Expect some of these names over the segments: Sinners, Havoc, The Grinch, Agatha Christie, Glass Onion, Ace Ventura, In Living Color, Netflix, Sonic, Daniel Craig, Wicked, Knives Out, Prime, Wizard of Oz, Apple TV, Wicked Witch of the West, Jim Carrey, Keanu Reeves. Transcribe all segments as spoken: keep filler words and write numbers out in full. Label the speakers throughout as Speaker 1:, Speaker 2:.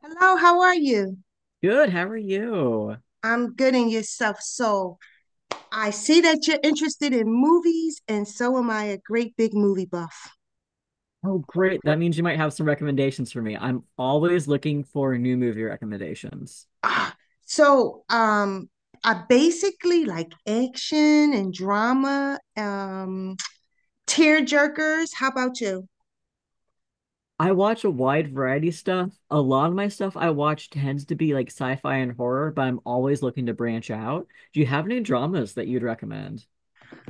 Speaker 1: Hello, how are you?
Speaker 2: Good, how are you?
Speaker 1: I'm good in yourself. So I see that you're interested in movies, and so am I, a great big movie buff.
Speaker 2: Oh, great. That means you might have some recommendations for me. I'm always looking for new movie recommendations.
Speaker 1: Ah, so um, I basically like action and drama, um, tear jerkers. How about you?
Speaker 2: I watch a wide variety of stuff. A lot of my stuff I watch tends to be like sci-fi and horror, but I'm always looking to branch out. Do you have any dramas that you'd recommend?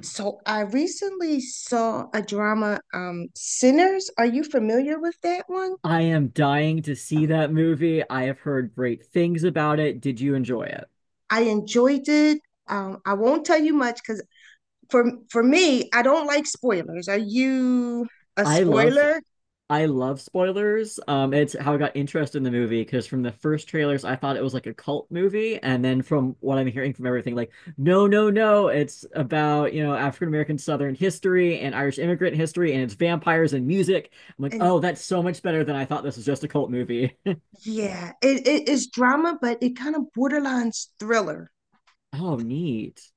Speaker 1: So I recently saw a drama, um, Sinners. Are you familiar with that one?
Speaker 2: I am dying to see that movie. I have heard great things about it. Did you enjoy it?
Speaker 1: I enjoyed it. Um, I won't tell you much because for for me, I don't like spoilers. Are you a
Speaker 2: I Oh, loved
Speaker 1: spoiler?
Speaker 2: I love spoilers. Um, it's how I got interested in the movie because from the first trailers, I thought it was like a cult movie, and then from what I'm hearing from everything, like, no, no, no, it's about, you know, African American Southern history and Irish immigrant history, and it's vampires and music. I'm like,
Speaker 1: And
Speaker 2: oh, that's so much better than I thought. This was just a cult movie.
Speaker 1: Yeah, it, it is drama, but it kind of borderlines thriller.
Speaker 2: Oh, neat.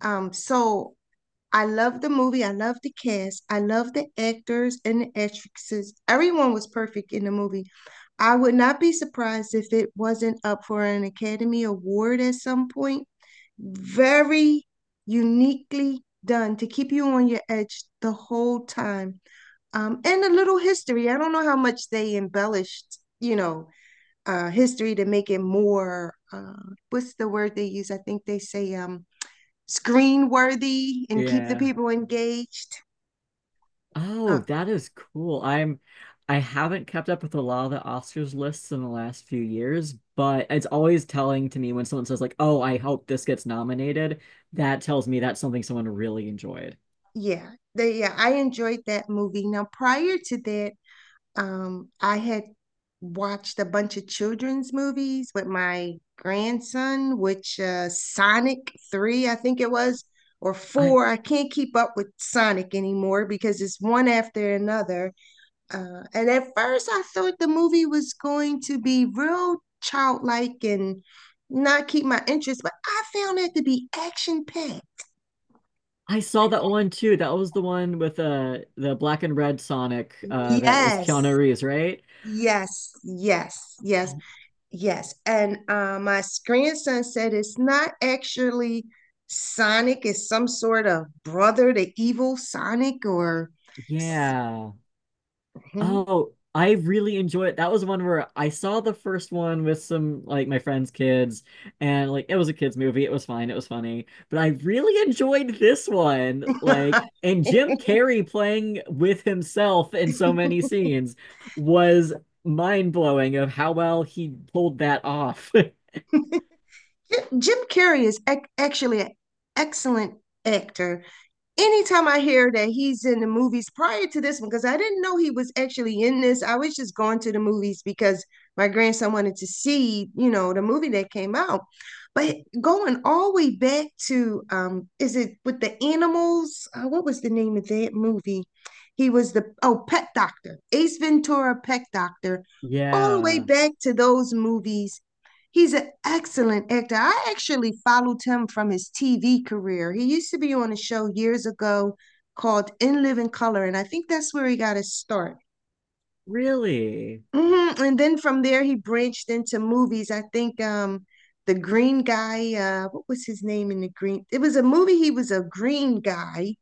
Speaker 1: Um, so I love the movie. I love the cast. I love the actors and the actresses. Everyone was perfect in the movie. I would not be surprised if it wasn't up for an Academy Award at some point. Very uniquely done to keep you on your edge the whole time. Um, and a little history. I don't know how much they embellished, you know, uh, history to make it more. Uh, what's the word they use? I think they say um, screen worthy and keep the
Speaker 2: Yeah.
Speaker 1: people engaged.
Speaker 2: Oh,
Speaker 1: Uh,
Speaker 2: that is cool. I'm I haven't kept up with a lot of the Oscars lists in the last few years, but it's always telling to me when someone says like, "Oh, I hope this gets nominated." That tells me that's something someone really enjoyed.
Speaker 1: Yeah, they, yeah, I enjoyed that movie. Now, prior to that, um, I had watched a bunch of children's movies with my grandson, which uh, Sonic three, I think it was, or
Speaker 2: I
Speaker 1: four. I can't keep up with Sonic anymore because it's one after another. Uh, and at first, I thought the movie was going to be real childlike and not keep my interest, but I found it to be action packed.
Speaker 2: I saw that one too. That was the one with uh the black and red Sonic uh that is
Speaker 1: Yes,
Speaker 2: Keanu Reeves, right?
Speaker 1: yes, yes, yes,
Speaker 2: Oh,
Speaker 1: yes. And uh, my grandson said it's not actually Sonic, it's some sort of brother to evil Sonic or. s-
Speaker 2: yeah. Oh, I really enjoy it. That was one where I saw the first one with some like my friend's kids, and like it was a kids movie. It was fine. It was funny, but I really enjoyed this one. Like, and Jim Carrey playing with himself in so many scenes was mind blowing of how well he pulled that off.
Speaker 1: Jim Jim Carrey is ac- actually an excellent actor anytime I hear that he's in the movies prior to this one, because I didn't know he was actually in this. I was just going to the movies because my grandson wanted to see, you know, the movie that came out. But going all the way back to, um, is it with the animals? Uh, what was the name of that movie? He was the, oh, Pet Doctor, Ace Ventura, Pet Doctor, all the way
Speaker 2: Yeah,
Speaker 1: back to those movies. He's an excellent actor. I actually followed him from his T V career. He used to be on a show years ago called In Living Color, and I think that's where he got his start.
Speaker 2: really.
Speaker 1: Hmm. And then from there, he branched into movies. I think um, the green guy, uh, what was his name in the green? It was a movie. He was a green guy.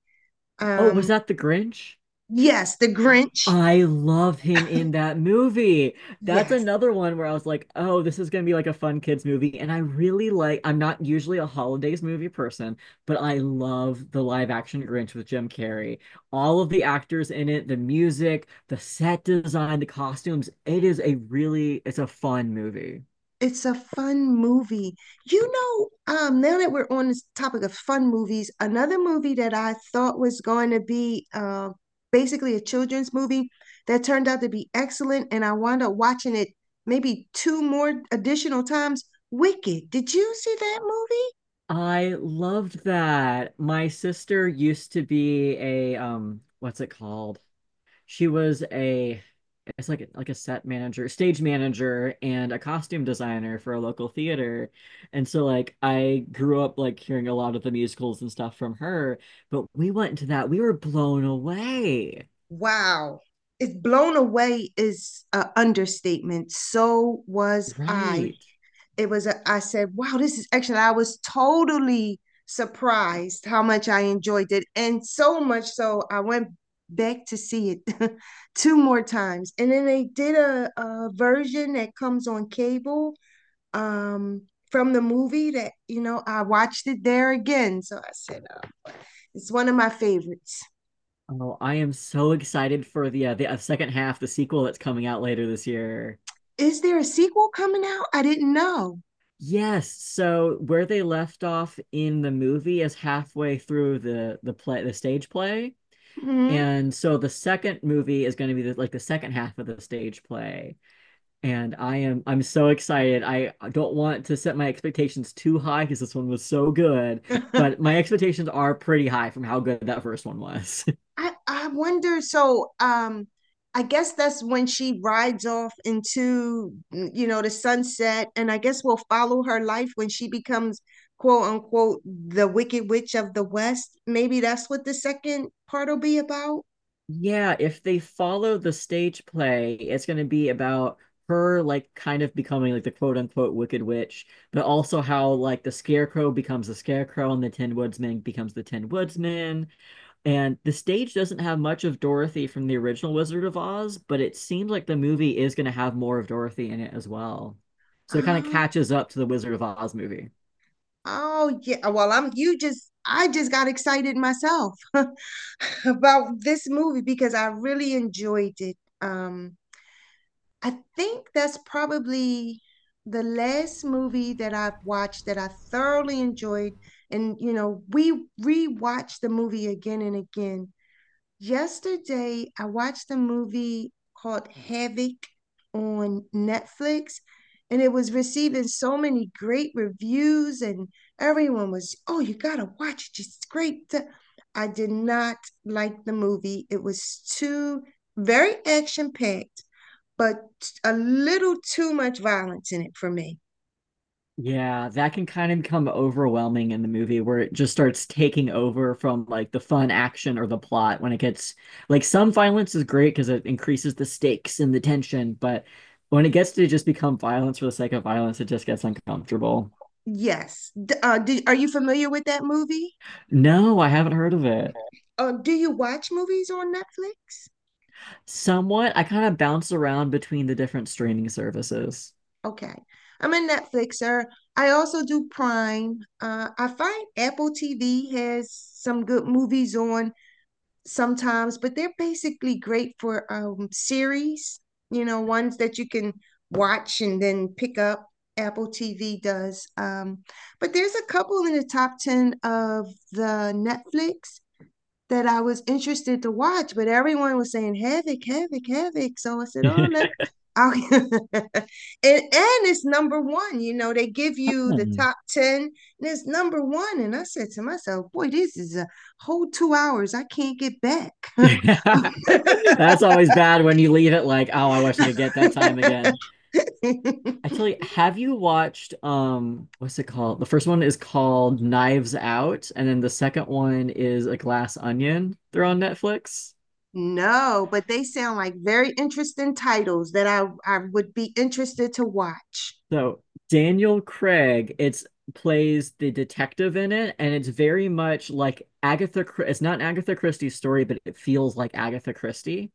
Speaker 2: Oh, was
Speaker 1: Um,
Speaker 2: that The Grinch?
Speaker 1: yes, The Grinch.
Speaker 2: I love him in that movie. That's
Speaker 1: Yes.
Speaker 2: another one where I was like, oh, this is going to be like a fun kids movie. And I really like, I'm not usually a holidays movie person, but I love the live action Grinch with Jim Carrey. All of the actors in it, the music, the set design, the costumes. It is a really, it's a fun movie.
Speaker 1: It's a fun movie. You know, um, Now that we're on this topic of fun movies, another movie that I thought was going to be uh, basically a children's movie that turned out to be excellent, and I wound up watching it maybe two more additional times. Wicked. Did you see that movie?
Speaker 2: I loved that. My sister used to be a, um, what's it called? She was a it's like like a set manager, stage manager, and a costume designer for a local theater. And so like I grew up like hearing a lot of the musicals and stuff from her, but we went to that, we were blown away.
Speaker 1: Wow. It's Blown away is an understatement. So was I.
Speaker 2: Right.
Speaker 1: It was, a, I said, wow, this is excellent. I was totally surprised how much I enjoyed it. And so much so, I went back to see it two more times. And then they did a, a version that comes on cable um, from the movie that, you know, I watched it there again. So I said, uh, it's one of my favorites.
Speaker 2: Oh, I am so excited for the uh, the uh, second half, the sequel that's coming out later this year.
Speaker 1: Is there a sequel coming out? I didn't know.
Speaker 2: Yes, so where they left off in the movie is halfway through the the play, the stage play.
Speaker 1: Hmm.
Speaker 2: And so the second movie is going to be the, like the second half of the stage play. And I am I'm so excited. I don't want to set my expectations too high because this one was so good, but my expectations are pretty high from how good that first one was.
Speaker 1: I I wonder. So, um, I guess that's when she rides off into, mm, you know, the sunset, and I guess we'll follow her life when she becomes quote unquote the Wicked Witch of the West. Maybe that's what the second part will be about.
Speaker 2: Yeah, if they follow the stage play, it's going to be about her like kind of becoming like the quote unquote wicked witch, but also how like the scarecrow becomes the scarecrow and the tin woodsman becomes the tin woodsman. And the stage doesn't have much of Dorothy from the original Wizard of Oz, but it seems like the movie is going to have more of Dorothy in it as well. So it kind of
Speaker 1: Um,
Speaker 2: catches up to the Wizard of Oz movie.
Speaker 1: oh yeah. Well, I'm you just I just got excited myself about this movie because I really enjoyed it. Um, I think that's probably the last movie that I've watched that I thoroughly enjoyed. And, you know, we rewatched the movie again and again. Yesterday, I watched a movie called Havoc on Netflix, and it was receiving so many great reviews, and everyone was, oh, you gotta watch it. It's great. I did not like the movie. It was too very action packed, but a little too much violence in it for me.
Speaker 2: Yeah, that can kind of become overwhelming in the movie where it just starts taking over from like the fun action or the plot when it gets like some violence is great because it increases the stakes and the tension, but when it gets to just become violence for the sake of violence, it just gets uncomfortable.
Speaker 1: Yes. D- uh, do, are you familiar with that movie?
Speaker 2: No, I haven't heard of it.
Speaker 1: Uh, do you watch movies on Netflix?
Speaker 2: Somewhat, I kind of bounce around between the different streaming services.
Speaker 1: Okay. I'm a Netflixer. I also do Prime. Uh, I find Apple T V has some good movies on sometimes, but they're basically great for um, series, you know, ones that you can watch and then pick up. Apple T V does. Um, but there's a couple in the top ten of the Netflix that I was interested to watch, but everyone was saying Havoc, Havoc, Havoc. So I said, oh, let i and, and it's number one. You know, they give you the
Speaker 2: Hmm.
Speaker 1: top ten and it's number one. And I said to myself, boy, this is a whole two hours. I can't get back.
Speaker 2: That's always bad when you leave it like, oh, I wish I could get that time again. Actually, have you watched um what's it called? The first one is called Knives Out, and then the second one is A Glass Onion. They're on Netflix.
Speaker 1: No, but they sound like very interesting titles that I, I would be interested to watch.
Speaker 2: So Daniel Craig, it's plays the detective in it, and it's very much like Agatha. It's not an Agatha Christie story, but it feels like Agatha Christie.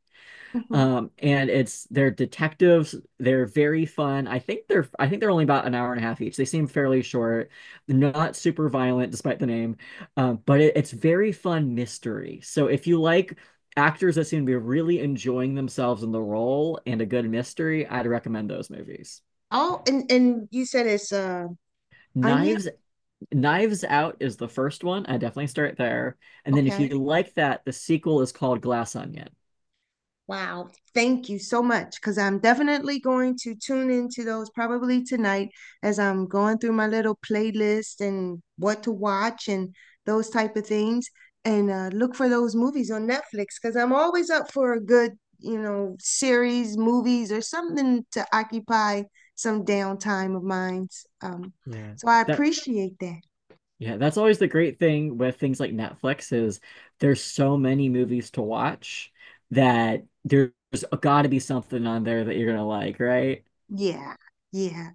Speaker 2: Um, and It's they're detectives. They're very fun. I think they're I think they're only about an hour and a half each. They seem fairly short, not super violent despite the name, um, but it, it's very fun mystery. So if you like actors that seem to be really enjoying themselves in the role and a good mystery, I'd recommend those movies.
Speaker 1: Oh, and, and you said it's uh, Onion?
Speaker 2: Knives Knives Out is the first one. I definitely start there. And then if you
Speaker 1: Okay.
Speaker 2: like that, the sequel is called Glass Onion.
Speaker 1: Wow. Thank you so much. Because I'm definitely going to tune into those probably tonight as I'm going through my little playlist and what to watch and those type of things. And uh, look for those movies on Netflix because I'm always up for a good, you know, series, movies, or something to occupy some downtime of mine. Um,
Speaker 2: Yeah.
Speaker 1: so I
Speaker 2: That
Speaker 1: appreciate that.
Speaker 2: yeah, that's always the great thing with things like Netflix is there's so many movies to watch that there's got to be something on there that you're gonna like, right?
Speaker 1: Yeah. Yeah.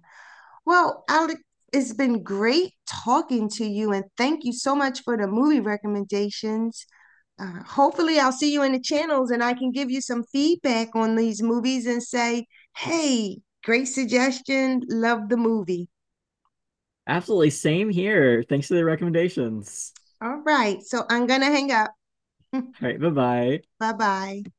Speaker 1: Well, Alec, it's been great talking to you, and thank you so much for the movie recommendations. Uh, hopefully, I'll see you in the channels and I can give you some feedback on these movies and say, hey, great suggestion, love the movie.
Speaker 2: Absolutely. Same here. Thanks for the recommendations.
Speaker 1: All right, so I'm gonna hang up. Bye
Speaker 2: All right. Bye bye.
Speaker 1: bye.